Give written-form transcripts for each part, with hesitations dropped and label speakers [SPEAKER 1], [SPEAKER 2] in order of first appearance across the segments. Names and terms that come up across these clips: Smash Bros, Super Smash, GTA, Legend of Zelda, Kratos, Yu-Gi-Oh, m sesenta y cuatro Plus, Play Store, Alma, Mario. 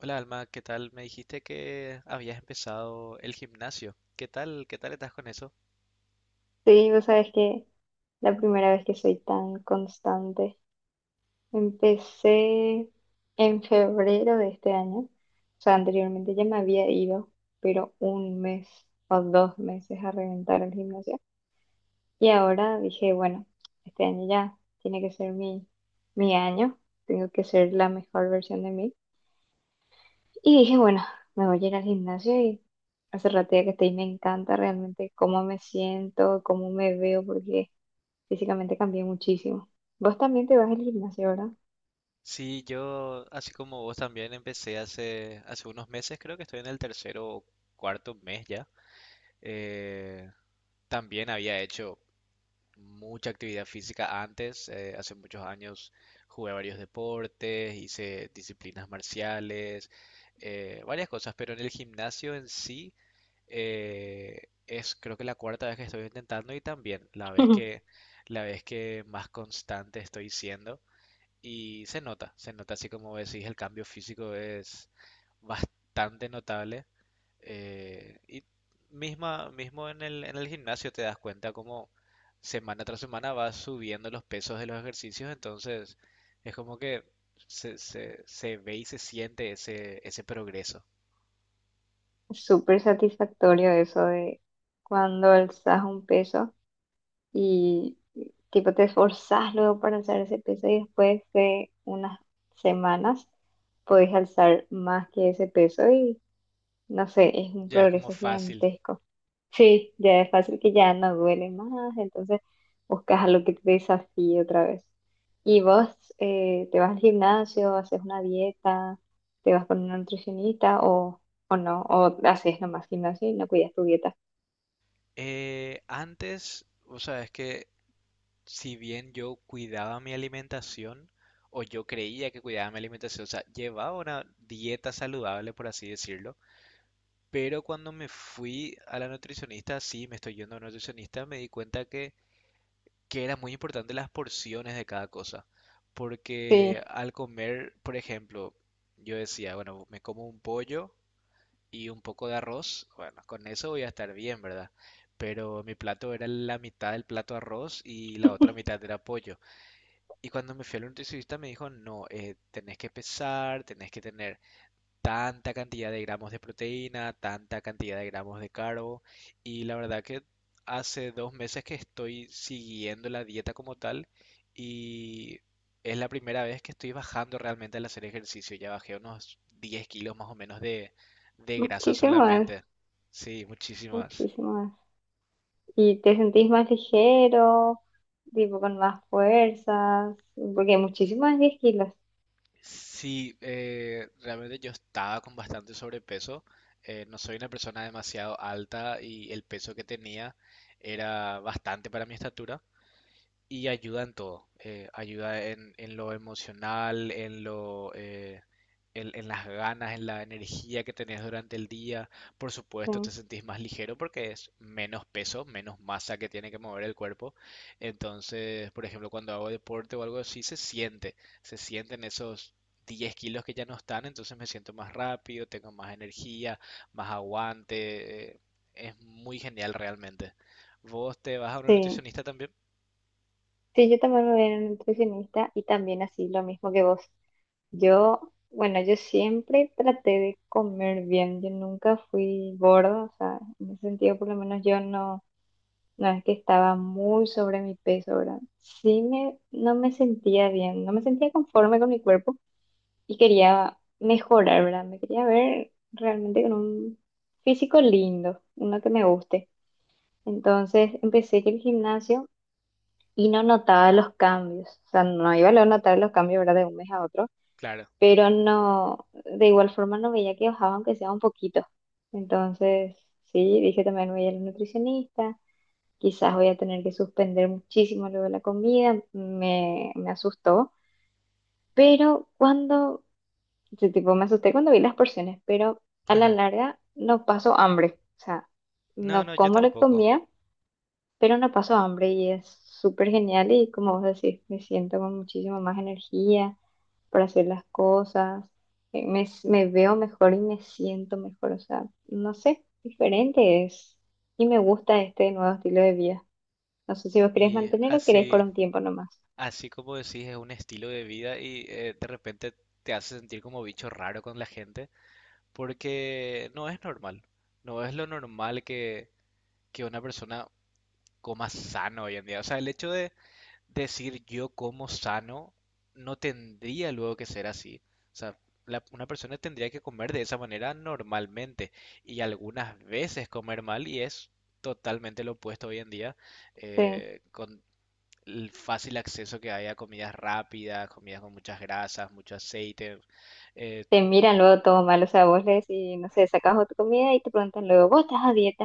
[SPEAKER 1] Hola Alma, ¿qué tal? Me dijiste que habías empezado el gimnasio. ¿Qué tal? ¿Qué tal estás con eso?
[SPEAKER 2] Sí, vos sabes que la primera vez que soy tan constante. Empecé en febrero de este año. O sea, anteriormente ya me había ido, pero un mes o dos meses a reventar el gimnasio. Y ahora dije, bueno, este año ya tiene que ser mi año. Tengo que ser la mejor versión de mí. Y dije, bueno, me voy a ir al gimnasio y hace rato ya que estoy, me encanta realmente cómo me siento, cómo me veo, porque... Físicamente cambié muchísimo. Vos también te vas al gimnasio, ¿verdad?
[SPEAKER 1] Sí, yo, así como vos también, empecé hace unos meses, creo que estoy en el tercero o cuarto mes ya. Eh, también había hecho mucha actividad física antes, hace muchos años jugué varios deportes, hice disciplinas marciales, varias cosas, pero en el gimnasio en sí es creo que la cuarta vez que estoy intentando y también la vez que más constante estoy siendo y se nota así como decís, el cambio físico es bastante notable. Y mismo en en el gimnasio te das cuenta como semana tras semana vas subiendo los pesos de los ejercicios, entonces es como que se ve y se siente ese progreso.
[SPEAKER 2] Es súper satisfactorio eso de cuando alzas un peso y tipo te esforzás luego para alzar ese peso y después de unas semanas podés alzar más que ese peso y no sé, es un
[SPEAKER 1] Ya es como
[SPEAKER 2] progreso
[SPEAKER 1] fácil.
[SPEAKER 2] gigantesco. Sí, ya es fácil que ya no duele más, entonces buscas algo que te desafíe otra vez. Y vos te vas al gimnasio, haces una dieta, te vas con una nutricionista o no, o haces nomás gimnasio y no cuidas tu dieta.
[SPEAKER 1] Antes, o sea, es que si bien yo cuidaba mi alimentación, o yo creía que cuidaba mi alimentación, o sea, llevaba una dieta saludable, por así decirlo. Pero cuando me fui a la nutricionista, sí, me estoy yendo a una nutricionista, me di cuenta que era muy importante las porciones de cada cosa. Porque
[SPEAKER 2] Sí,
[SPEAKER 1] al comer, por ejemplo, yo decía, bueno, me como un pollo y un poco de arroz, bueno, con eso voy a estar bien, ¿verdad? Pero mi plato era la mitad del plato arroz y la otra mitad era pollo. Y cuando me fui al nutricionista me dijo, no, tenés que pesar, tenés que tener tanta cantidad de gramos de proteína, tanta cantidad de gramos de carbo, y la verdad que hace dos meses que estoy siguiendo la dieta como tal, y es la primera vez que estoy bajando realmente al hacer ejercicio. Ya bajé unos 10 kilos más o menos de grasa
[SPEAKER 2] muchísimo más,
[SPEAKER 1] solamente. Sí, muchísimas.
[SPEAKER 2] muchísimo más. Y te sentís más ligero, tipo con más fuerzas, porque muchísimo es 10 kilos.
[SPEAKER 1] Sí, realmente yo estaba con bastante sobrepeso. No soy una persona demasiado alta y el peso que tenía era bastante para mi estatura. Y ayuda en todo. Ayuda en lo emocional, en las ganas, en la energía que tenés durante el día. Por
[SPEAKER 2] Sí,
[SPEAKER 1] supuesto, te sentís más ligero porque es menos peso, menos masa que tiene que mover el cuerpo. Entonces, por ejemplo, cuando hago deporte o algo así, se siente. Se sienten esos 10 kilos que ya no están, entonces me siento más rápido, tengo más energía, más aguante. Es muy genial realmente. ¿Vos te vas a un
[SPEAKER 2] sí.
[SPEAKER 1] nutricionista también?
[SPEAKER 2] Sí, yo también me voy a ir a un nutricionista y también así lo mismo que vos. Yo, bueno, yo siempre traté de comer bien, yo nunca fui gorda, o sea, en ese sentido por lo menos yo no, no es que estaba muy sobre mi peso, ¿verdad? Sí no me sentía bien, no me sentía conforme con mi cuerpo y quería mejorar, ¿verdad? Me quería ver realmente con un físico lindo, uno que me guste. Entonces empecé que el gimnasio y no notaba los cambios. O sea, no iba a notar los cambios, ¿verdad? De un mes a otro,
[SPEAKER 1] Claro.
[SPEAKER 2] pero no, de igual forma no veía que bajaba aunque sea un poquito. Entonces, sí, dije también voy a ir al nutricionista, quizás voy a tener que suspender muchísimo luego la comida, me asustó, pero cuando, sí, tipo, me asusté cuando vi las porciones, pero a la larga no paso hambre, o sea,
[SPEAKER 1] No,
[SPEAKER 2] no
[SPEAKER 1] no, yo
[SPEAKER 2] como lo que
[SPEAKER 1] tampoco.
[SPEAKER 2] comía pero no paso hambre y es súper genial y como vos decís, me siento con muchísima más energía para hacer las cosas, me veo mejor y me siento mejor, o sea, no sé, diferente es y me gusta este nuevo estilo de vida. No sé si vos querés
[SPEAKER 1] Y
[SPEAKER 2] mantener o querés por
[SPEAKER 1] así,
[SPEAKER 2] un tiempo nomás.
[SPEAKER 1] así como decís, es un estilo de vida y de repente te hace sentir como bicho raro con la gente, porque no es normal. No es lo normal que una persona coma sano hoy en día. O sea, el hecho de decir yo como sano no tendría luego que ser así. O sea, una persona tendría que comer de esa manera normalmente y algunas veces comer mal, y es totalmente lo opuesto hoy en día
[SPEAKER 2] Sí.
[SPEAKER 1] con el fácil acceso que hay a comidas rápidas, comidas con muchas grasas, mucho aceite. eh,
[SPEAKER 2] Te miran luego todo mal, o sea, vos le decís, no sé, sacas otra comida y te preguntan luego, ¿vos estás a dieta?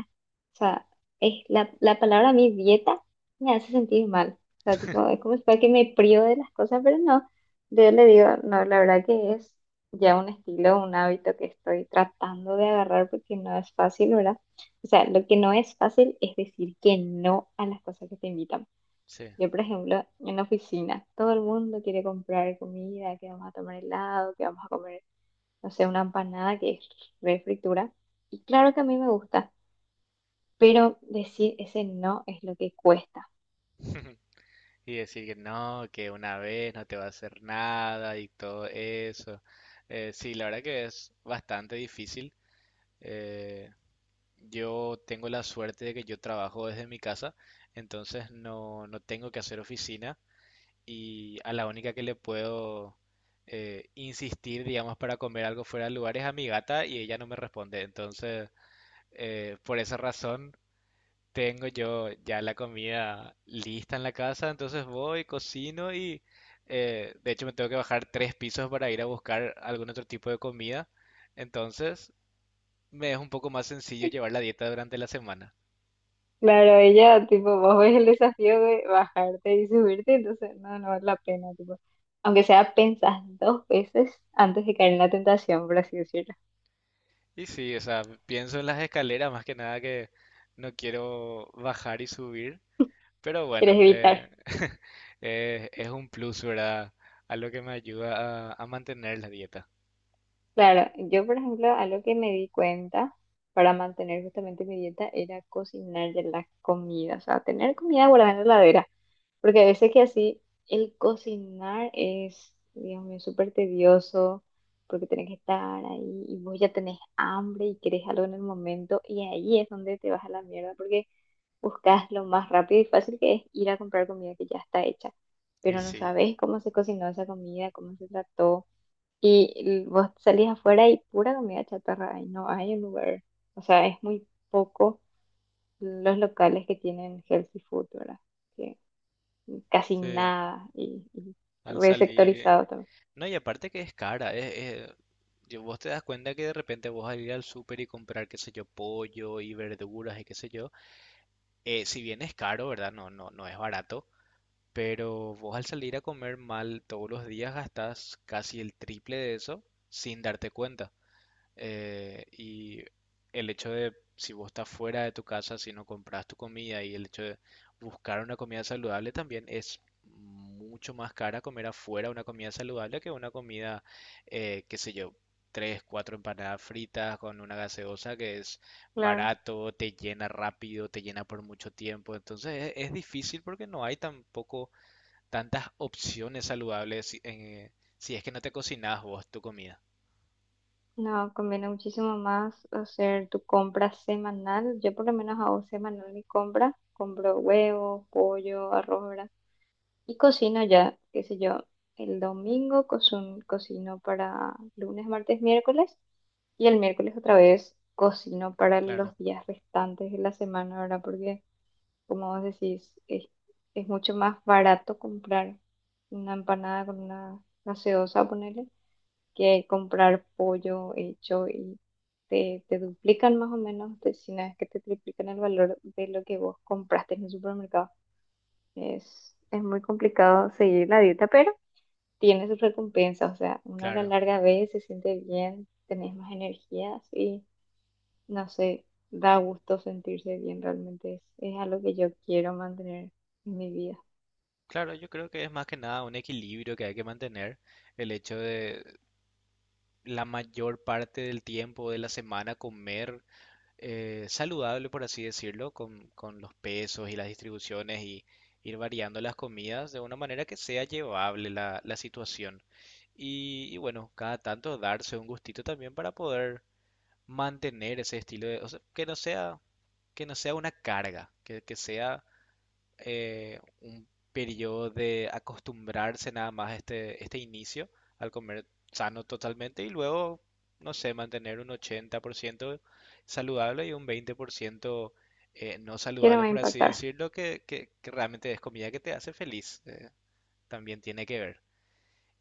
[SPEAKER 2] O sea, es la palabra a mí dieta me hace sentir mal. O sea, tipo, es como si fuera que me privo de las cosas, pero no, yo le digo, no, la verdad que es ya un estilo, un hábito que estoy tratando de agarrar porque no es fácil, ¿verdad? O sea, lo que no es fácil es decir que no a las cosas que te invitan.
[SPEAKER 1] sí.
[SPEAKER 2] Yo, por ejemplo, en la oficina, todo el mundo quiere comprar comida, que vamos a tomar helado, que vamos a comer no sé, una empanada que es re fritura. Y claro que a mí me gusta, pero decir ese no es lo que cuesta.
[SPEAKER 1] Y decir que no, que una vez no te va a hacer nada y todo eso. Sí, la verdad que es bastante difícil. Eh, Yo tengo la suerte de que yo trabajo desde mi casa, entonces no tengo que hacer oficina, y a la única que le puedo insistir, digamos, para comer algo fuera del lugar es a mi gata, y ella no me responde. Entonces, por esa razón, tengo yo ya la comida lista en la casa, entonces voy, cocino, y de hecho me tengo que bajar tres pisos para ir a buscar algún otro tipo de comida. Entonces, me es un poco más sencillo llevar la dieta durante la semana.
[SPEAKER 2] Claro, ella, tipo, vos ves el desafío de bajarte y subirte, entonces no, no vale la pena, tipo. Aunque sea, pensás dos veces antes de caer en la tentación, por así decirlo.
[SPEAKER 1] Y sí, o sea, pienso en las escaleras más que nada, que no quiero bajar y subir, pero
[SPEAKER 2] Quieres
[SPEAKER 1] bueno,
[SPEAKER 2] evitar.
[SPEAKER 1] es un plus, ¿verdad? Algo que me ayuda a mantener la dieta.
[SPEAKER 2] Claro, yo, por ejemplo, algo que me di cuenta para mantener justamente mi dieta era cocinar de la comida, o sea, tener comida guardada en la heladera. Porque a veces que así el cocinar es, Dios mío, súper tedioso, porque tenés que estar ahí y vos ya tenés hambre y querés algo en el momento y ahí es donde te vas a la mierda porque buscas lo más rápido y fácil que es ir a comprar comida que ya está hecha,
[SPEAKER 1] Y
[SPEAKER 2] pero no
[SPEAKER 1] sí,
[SPEAKER 2] sabes cómo se cocinó esa comida, cómo se trató y vos salís afuera y pura comida chatarra y no hay un lugar, o sea, es muy poco los locales que tienen healthy food, ¿verdad? Casi
[SPEAKER 1] sí,
[SPEAKER 2] nada y
[SPEAKER 1] al salir...
[SPEAKER 2] resectorizado también.
[SPEAKER 1] No, y aparte que es cara, es- vos te das cuenta que de repente vos al ir al súper y comprar, qué sé yo, pollo y verduras y qué sé yo, si bien es caro, ¿verdad? No es barato. Pero vos al salir a comer mal todos los días gastás casi el triple de eso sin darte cuenta. Y el hecho de, si vos estás fuera de tu casa, si no compras tu comida, y el hecho de buscar una comida saludable, también es mucho más cara comer afuera una comida saludable que una comida, qué sé yo, tres, cuatro empanadas fritas con una gaseosa, que es
[SPEAKER 2] Claro.
[SPEAKER 1] barato, te llena rápido, te llena por mucho tiempo. Entonces es difícil porque no hay tampoco tantas opciones saludables si es que no te cocinas vos tu comida.
[SPEAKER 2] No, conviene muchísimo más hacer tu compra semanal. Yo por lo menos hago semanal mi compra. Compro huevo, pollo, arroz, ¿verdad? Y cocino ya, qué sé yo, el domingo cocino para lunes, martes, miércoles. Y el miércoles otra vez cocino para
[SPEAKER 1] Claro,
[SPEAKER 2] los días restantes de la semana, ¿verdad? Porque como vos decís, es mucho más barato comprar una empanada con una gaseosa, ponerle, que comprar pollo hecho te duplican más o menos, te, si no es que te triplican el valor de lo que vos compraste en el supermercado. Es muy complicado seguir la dieta, pero tiene sus recompensas, o sea, uno a la
[SPEAKER 1] claro,
[SPEAKER 2] larga ve, se siente bien, tenés más energías no sé, da gusto sentirse bien, realmente es algo que yo quiero mantener en mi vida,
[SPEAKER 1] claro, yo creo que es más que nada un equilibrio que hay que mantener, el hecho de la mayor parte del tiempo de la semana comer saludable, por así decirlo, con los pesos y las distribuciones, y ir variando las comidas de una manera que sea llevable la situación. Y bueno, cada tanto darse un gustito también para poder mantener ese estilo de, o sea, que no sea una carga, que sea un periodo de acostumbrarse nada más a este inicio al comer sano totalmente, y luego, no sé, mantener un 80% saludable y un 20% no
[SPEAKER 2] que no me
[SPEAKER 1] saludable,
[SPEAKER 2] va a
[SPEAKER 1] por así
[SPEAKER 2] impactar.
[SPEAKER 1] decirlo, que realmente es comida que te hace feliz. También tiene que ver.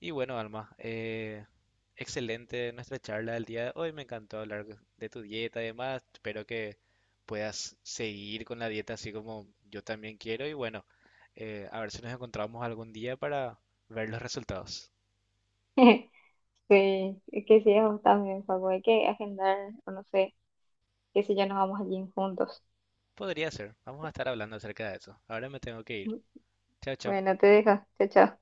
[SPEAKER 1] Y bueno, Alma, excelente nuestra charla del día de hoy. Me encantó hablar de tu dieta y demás. Espero que puedas seguir con la dieta, así como yo también quiero. Y bueno, a ver si nos encontramos algún día para ver los resultados.
[SPEAKER 2] Sí, es que sí, a vos también, Facu, hay que agendar, o no sé, qué sé yo, nos vamos al gym juntos.
[SPEAKER 1] Podría ser. Vamos a estar hablando acerca de eso. Ahora me tengo que ir. Chao, chao.
[SPEAKER 2] Bueno, te dejo, chao, chao.